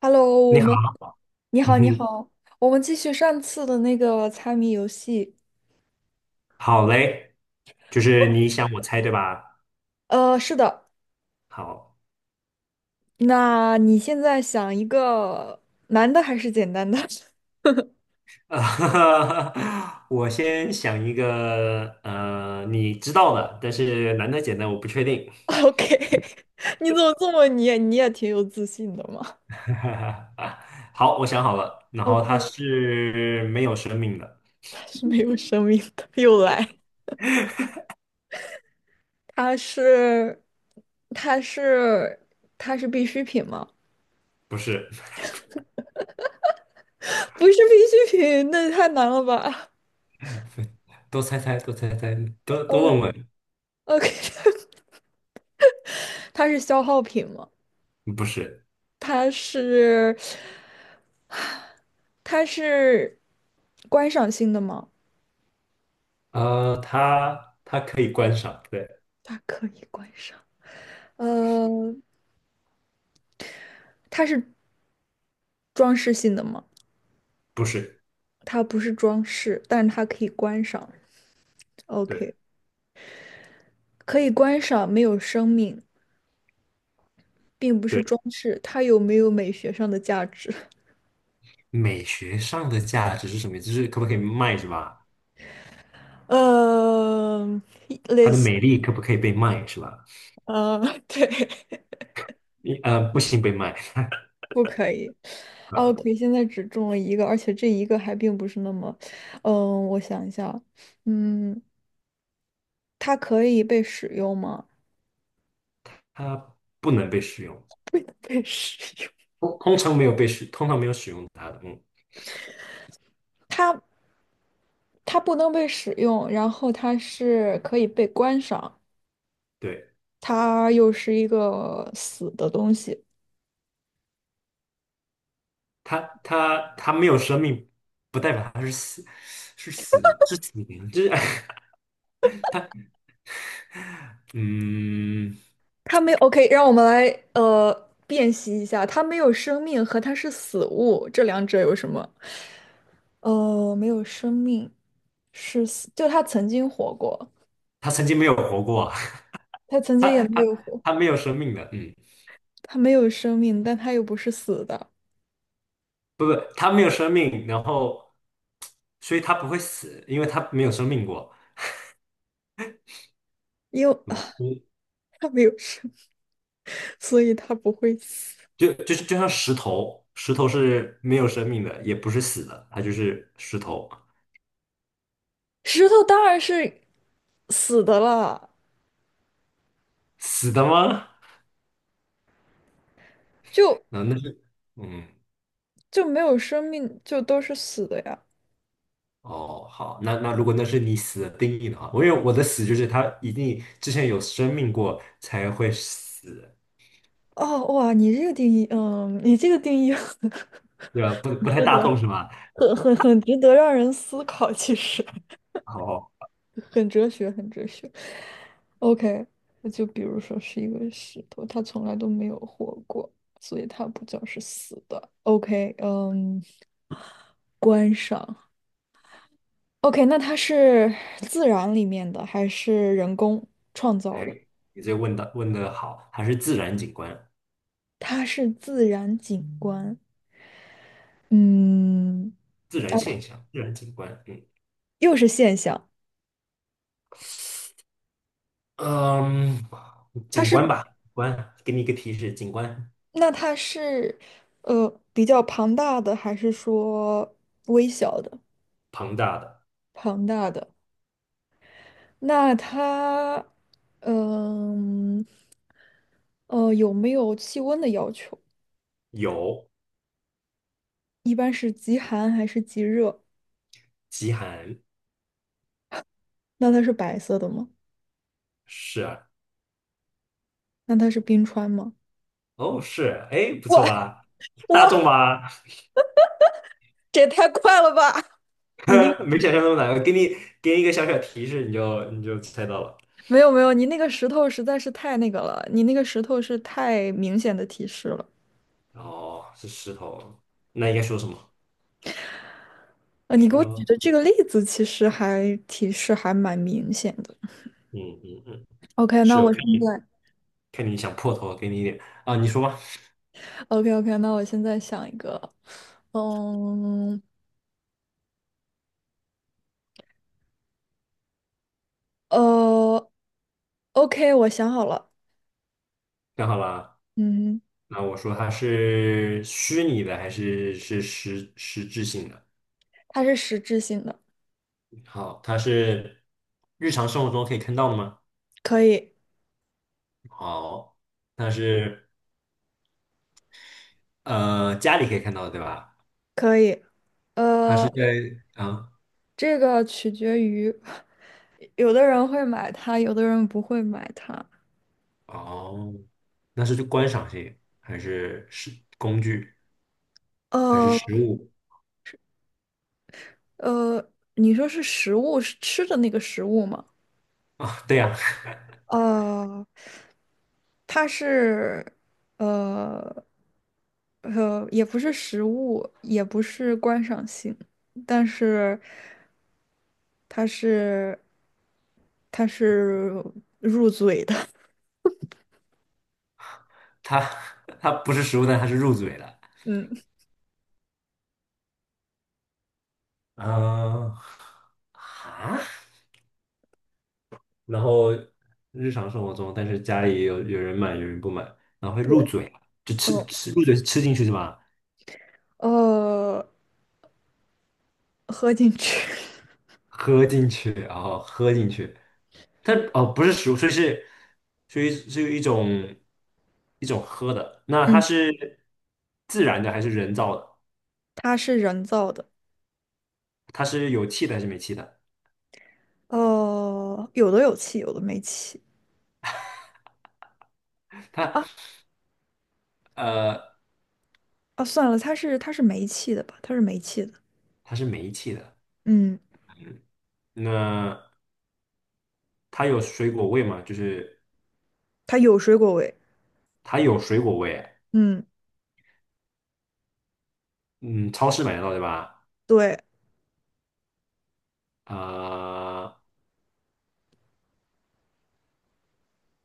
Hello，我你好，们你 嗯好，你哼，好，我们继续上次的那个猜谜游戏。好嘞，就是你想我猜对吧？是的，好，那你现在想一个难的还是简单的 呃，我先想一个，你知道的，但是难的简单我不确定。？OK，你怎么这么你也挺有自信的嘛 好，我想好了，然后它？OK，是没有生命的。它是没有生命的，又来，它是它是它是必需品吗？不是。不是必需品，那也太难了吧 多猜猜，多猜猜，多多问呃问。？OK，它是消耗品吗？不是。它是它是观赏性的吗？它可以观赏，对。它可以观赏。呃，它是装饰性的吗？不是。它不是装饰，但是它可以观赏。对 OK，可以观赏，没有生命，并不是对。装饰。它有没有美学上的价值？美学上的价值是什么？就是可不可以卖是吧？呃，它类的似，美丽可不可以被卖是吧？呃，对，你不行，被卖。不可以。呃，OK，现在只中了一个，而且这一个还并不是那么，我想一下啊，嗯，它可以被使用吗？它不能被使用，被使用。通常没有使用它的。嗯，它它不能被使用，然后它是可以被观赏，对。它又是一个死的东西。它没有生命，不代表它是死，是死灵，就是 嗯。它没 OK，让我们来呃辨析一下，它没有生命和它是死物，这两者有什么？没有生命是死，就它曾经活过，它曾经没有活过啊。它曾经也没有活，它没有生命的。嗯。它没有生命，但它又不是死的，不不，它没有生命，然后所以它不会死，因为它没有生命过。因为 嗯。它没有生，所以它不会死。就像石头，石头是没有生命的，也不是死的，它就是石头。石头当然是死的了，死的吗？就那那是，嗯，就没有生命，就都是死的呀。哦，好。那如果那是你死的定义的话，我因为我的死就是它一定之前有生命过才会死，哦，哇，你这个定义，你这个定义 很对吧？不太值大得，众是吧？很值得让人思考，其实 哦，很哲学，很哲学。OK，那就比如说是一个石头，它从来都没有活过，所以它不叫是死的。OK，嗯，观赏。OK，那它是自然里面的还是人工创造哎，的？你这个问的好。还是自然景观、它是自然景观，嗯，自然啊，现象、自然景观，又是现象，嗯嗯，它景是，观吧，景观，给你一个提示，景观那它是，比较庞大的，还是说微小的？庞大的庞大的，那它，嗯，呃，有没有气温的要求？有。一般是极寒还是极热？极寒。那它是白色的吗？是啊。那它是冰川吗？哦是，哎，不哇错吧？大哇，众吧。这也太快了吧！你那个。没想象那么难。给你一个小小提示，你就猜到了。没有没有，你那个石头实在是太那个了，你那个石头是太明显的提示了。哦，是石头，那应该说什么？你给我举说的这个例子其实还提示还蛮明显的。嗯嗯嗯，OK，那是我我看现你在 想破头，给你一点。啊，你说吧。OK OK，那我现在想一个，嗯呃，OK，我想好了，看好了。嗯，那我说它是虚拟的还是实质性的？它是实质性的，好，它是日常生活中可以看到的吗？可以好，它是家里可以看到的，对吧？可以，还呃，是在？啊？这个取决于有的人会买它，有的人不会买它。哦，那是就观赏性，还是工具，还是呃，食物你说是食物，是吃的那个食物吗？啊？对呀、呃，它是呃也不是食物，也不是观赏性，但是它是它是入嘴的，它它不是食物，但它是入嘴的。嗯嗯。啊。然后日常生活中，但是家里有人买，有人不买，然后会入嘴，就吃嗯吃入嘴吃进去是吧？呃，喝进去，喝进去，然后喝进去。它哦，不是食物，所以是一种喝的。那它嗯，是自然的还是人造的？它是人造的，它是有气的还是没气的？有的有气，有的没气。它呃，啊，算了，它是煤气的吧？它是煤气的，它是没气的。嗯。那它有水果味吗？就是它有水果味。它有水果味。嗯嗯，超市买得到对吧？对，呃，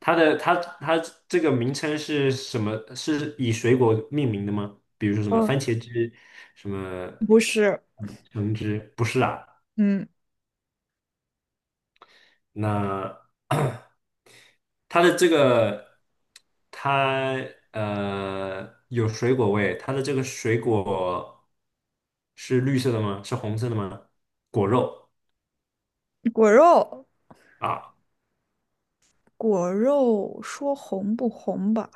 它的这个名称是什么？是以水果命名的吗？比如说什么嗯，番茄汁，什么不是，橙汁？不是啊。嗯，那 它的这个，它有水果味，它的这个水果是绿色的吗？是红色的吗？果肉果肉，啊。果肉说红不红吧？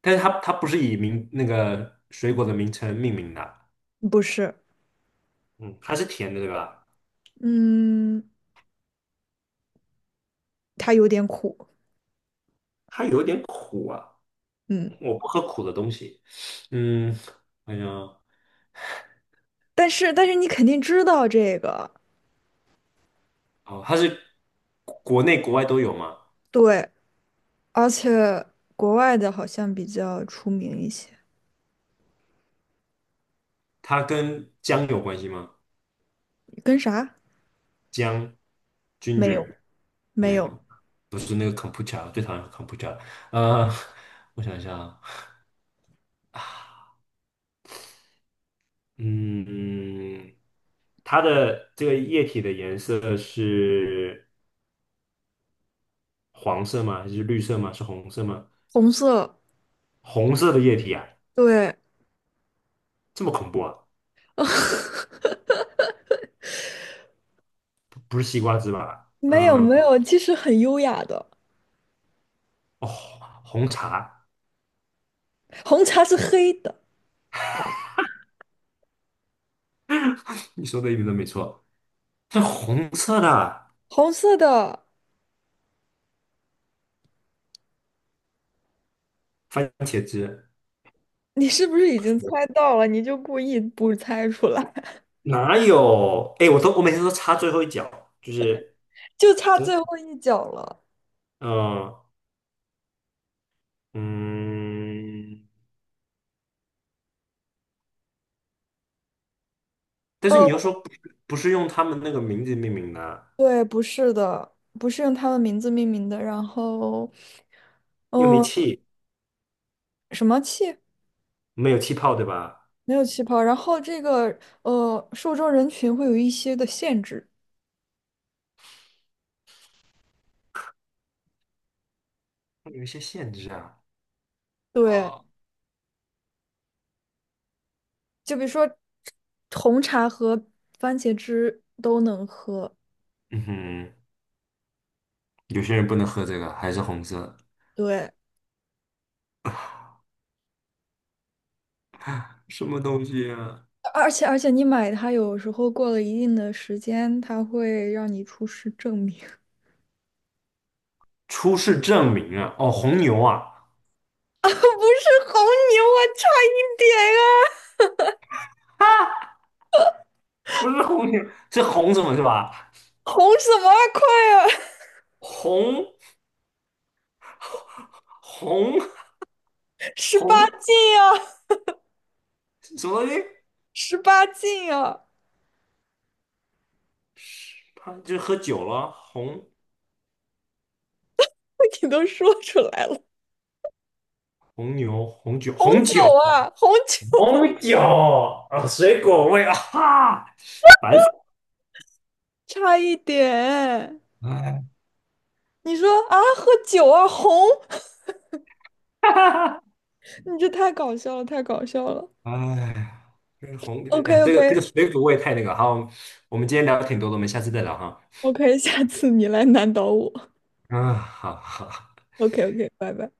但是它不是以名那个水果的名称命名的。不是，嗯。它是甜的，对吧？嗯，它有点苦，它有点苦啊。嗯，我不喝苦的东西。嗯。哎呀。但是你肯定知道这个，哦，它是国内国外都有吗？对，而且国外的好像比较出名一些，它跟姜有关系吗？跟啥？姜没有，，ginger。没没有。有，不是那个 c o m p u t e r， 最讨厌 computer。 呃，我想一下。啊。嗯。它的这个液体的颜色是黄色吗？还是绿色吗？是红色吗？红色，红色的液体啊。对，这么恐怖啊？不是西瓜汁吧？没有嗯。没有，其实很优雅的，哦，红茶。红茶是黑的，你说的一点都没错，是红色的红色的，番茄汁。你是不是已经猜到了？你就故意不猜出来，哪有？哎，我每天都插最后一脚，就是。就差真。最后一脚了。嗯嗯，但是你又说哦，不是用他们那个名字命名的啊。对，不是的，不是用他们名字命名的。然后，又没嗯、气。什么气？没有气泡，对吧？没有气泡。然后这个受众人群会有一些的限制。有一些限制啊。对，哦。就比如说红茶和番茄汁都能喝。嗯哼。有些人不能喝这个，还是红色，对，什么东西啊？而且你买它有时候过了一定的时间，它会让你出示证明。出示证明啊？哦，红牛啊。啊，不是红牛啊，差一点啊，啊，不是红牛。是红什么是吧？红什么啊，快啊，红红十八红禁啊，什么东西？十八禁啊，他就是喝酒了。你都说出来了，红牛，红酒，红红酒。酒啊，红酒啊红酒啊，水果味啊，哈，烦死差一点。了！哎，你说啊，喝酒啊，红，哈哈，你这太搞笑了，太搞笑了。哎，这个红，OK 哎这 OK 个水果味太那个。好，我们今天聊了挺多的，我们下次再聊哈。OK，下次你来难倒我。啊，好好。OK OK，拜拜。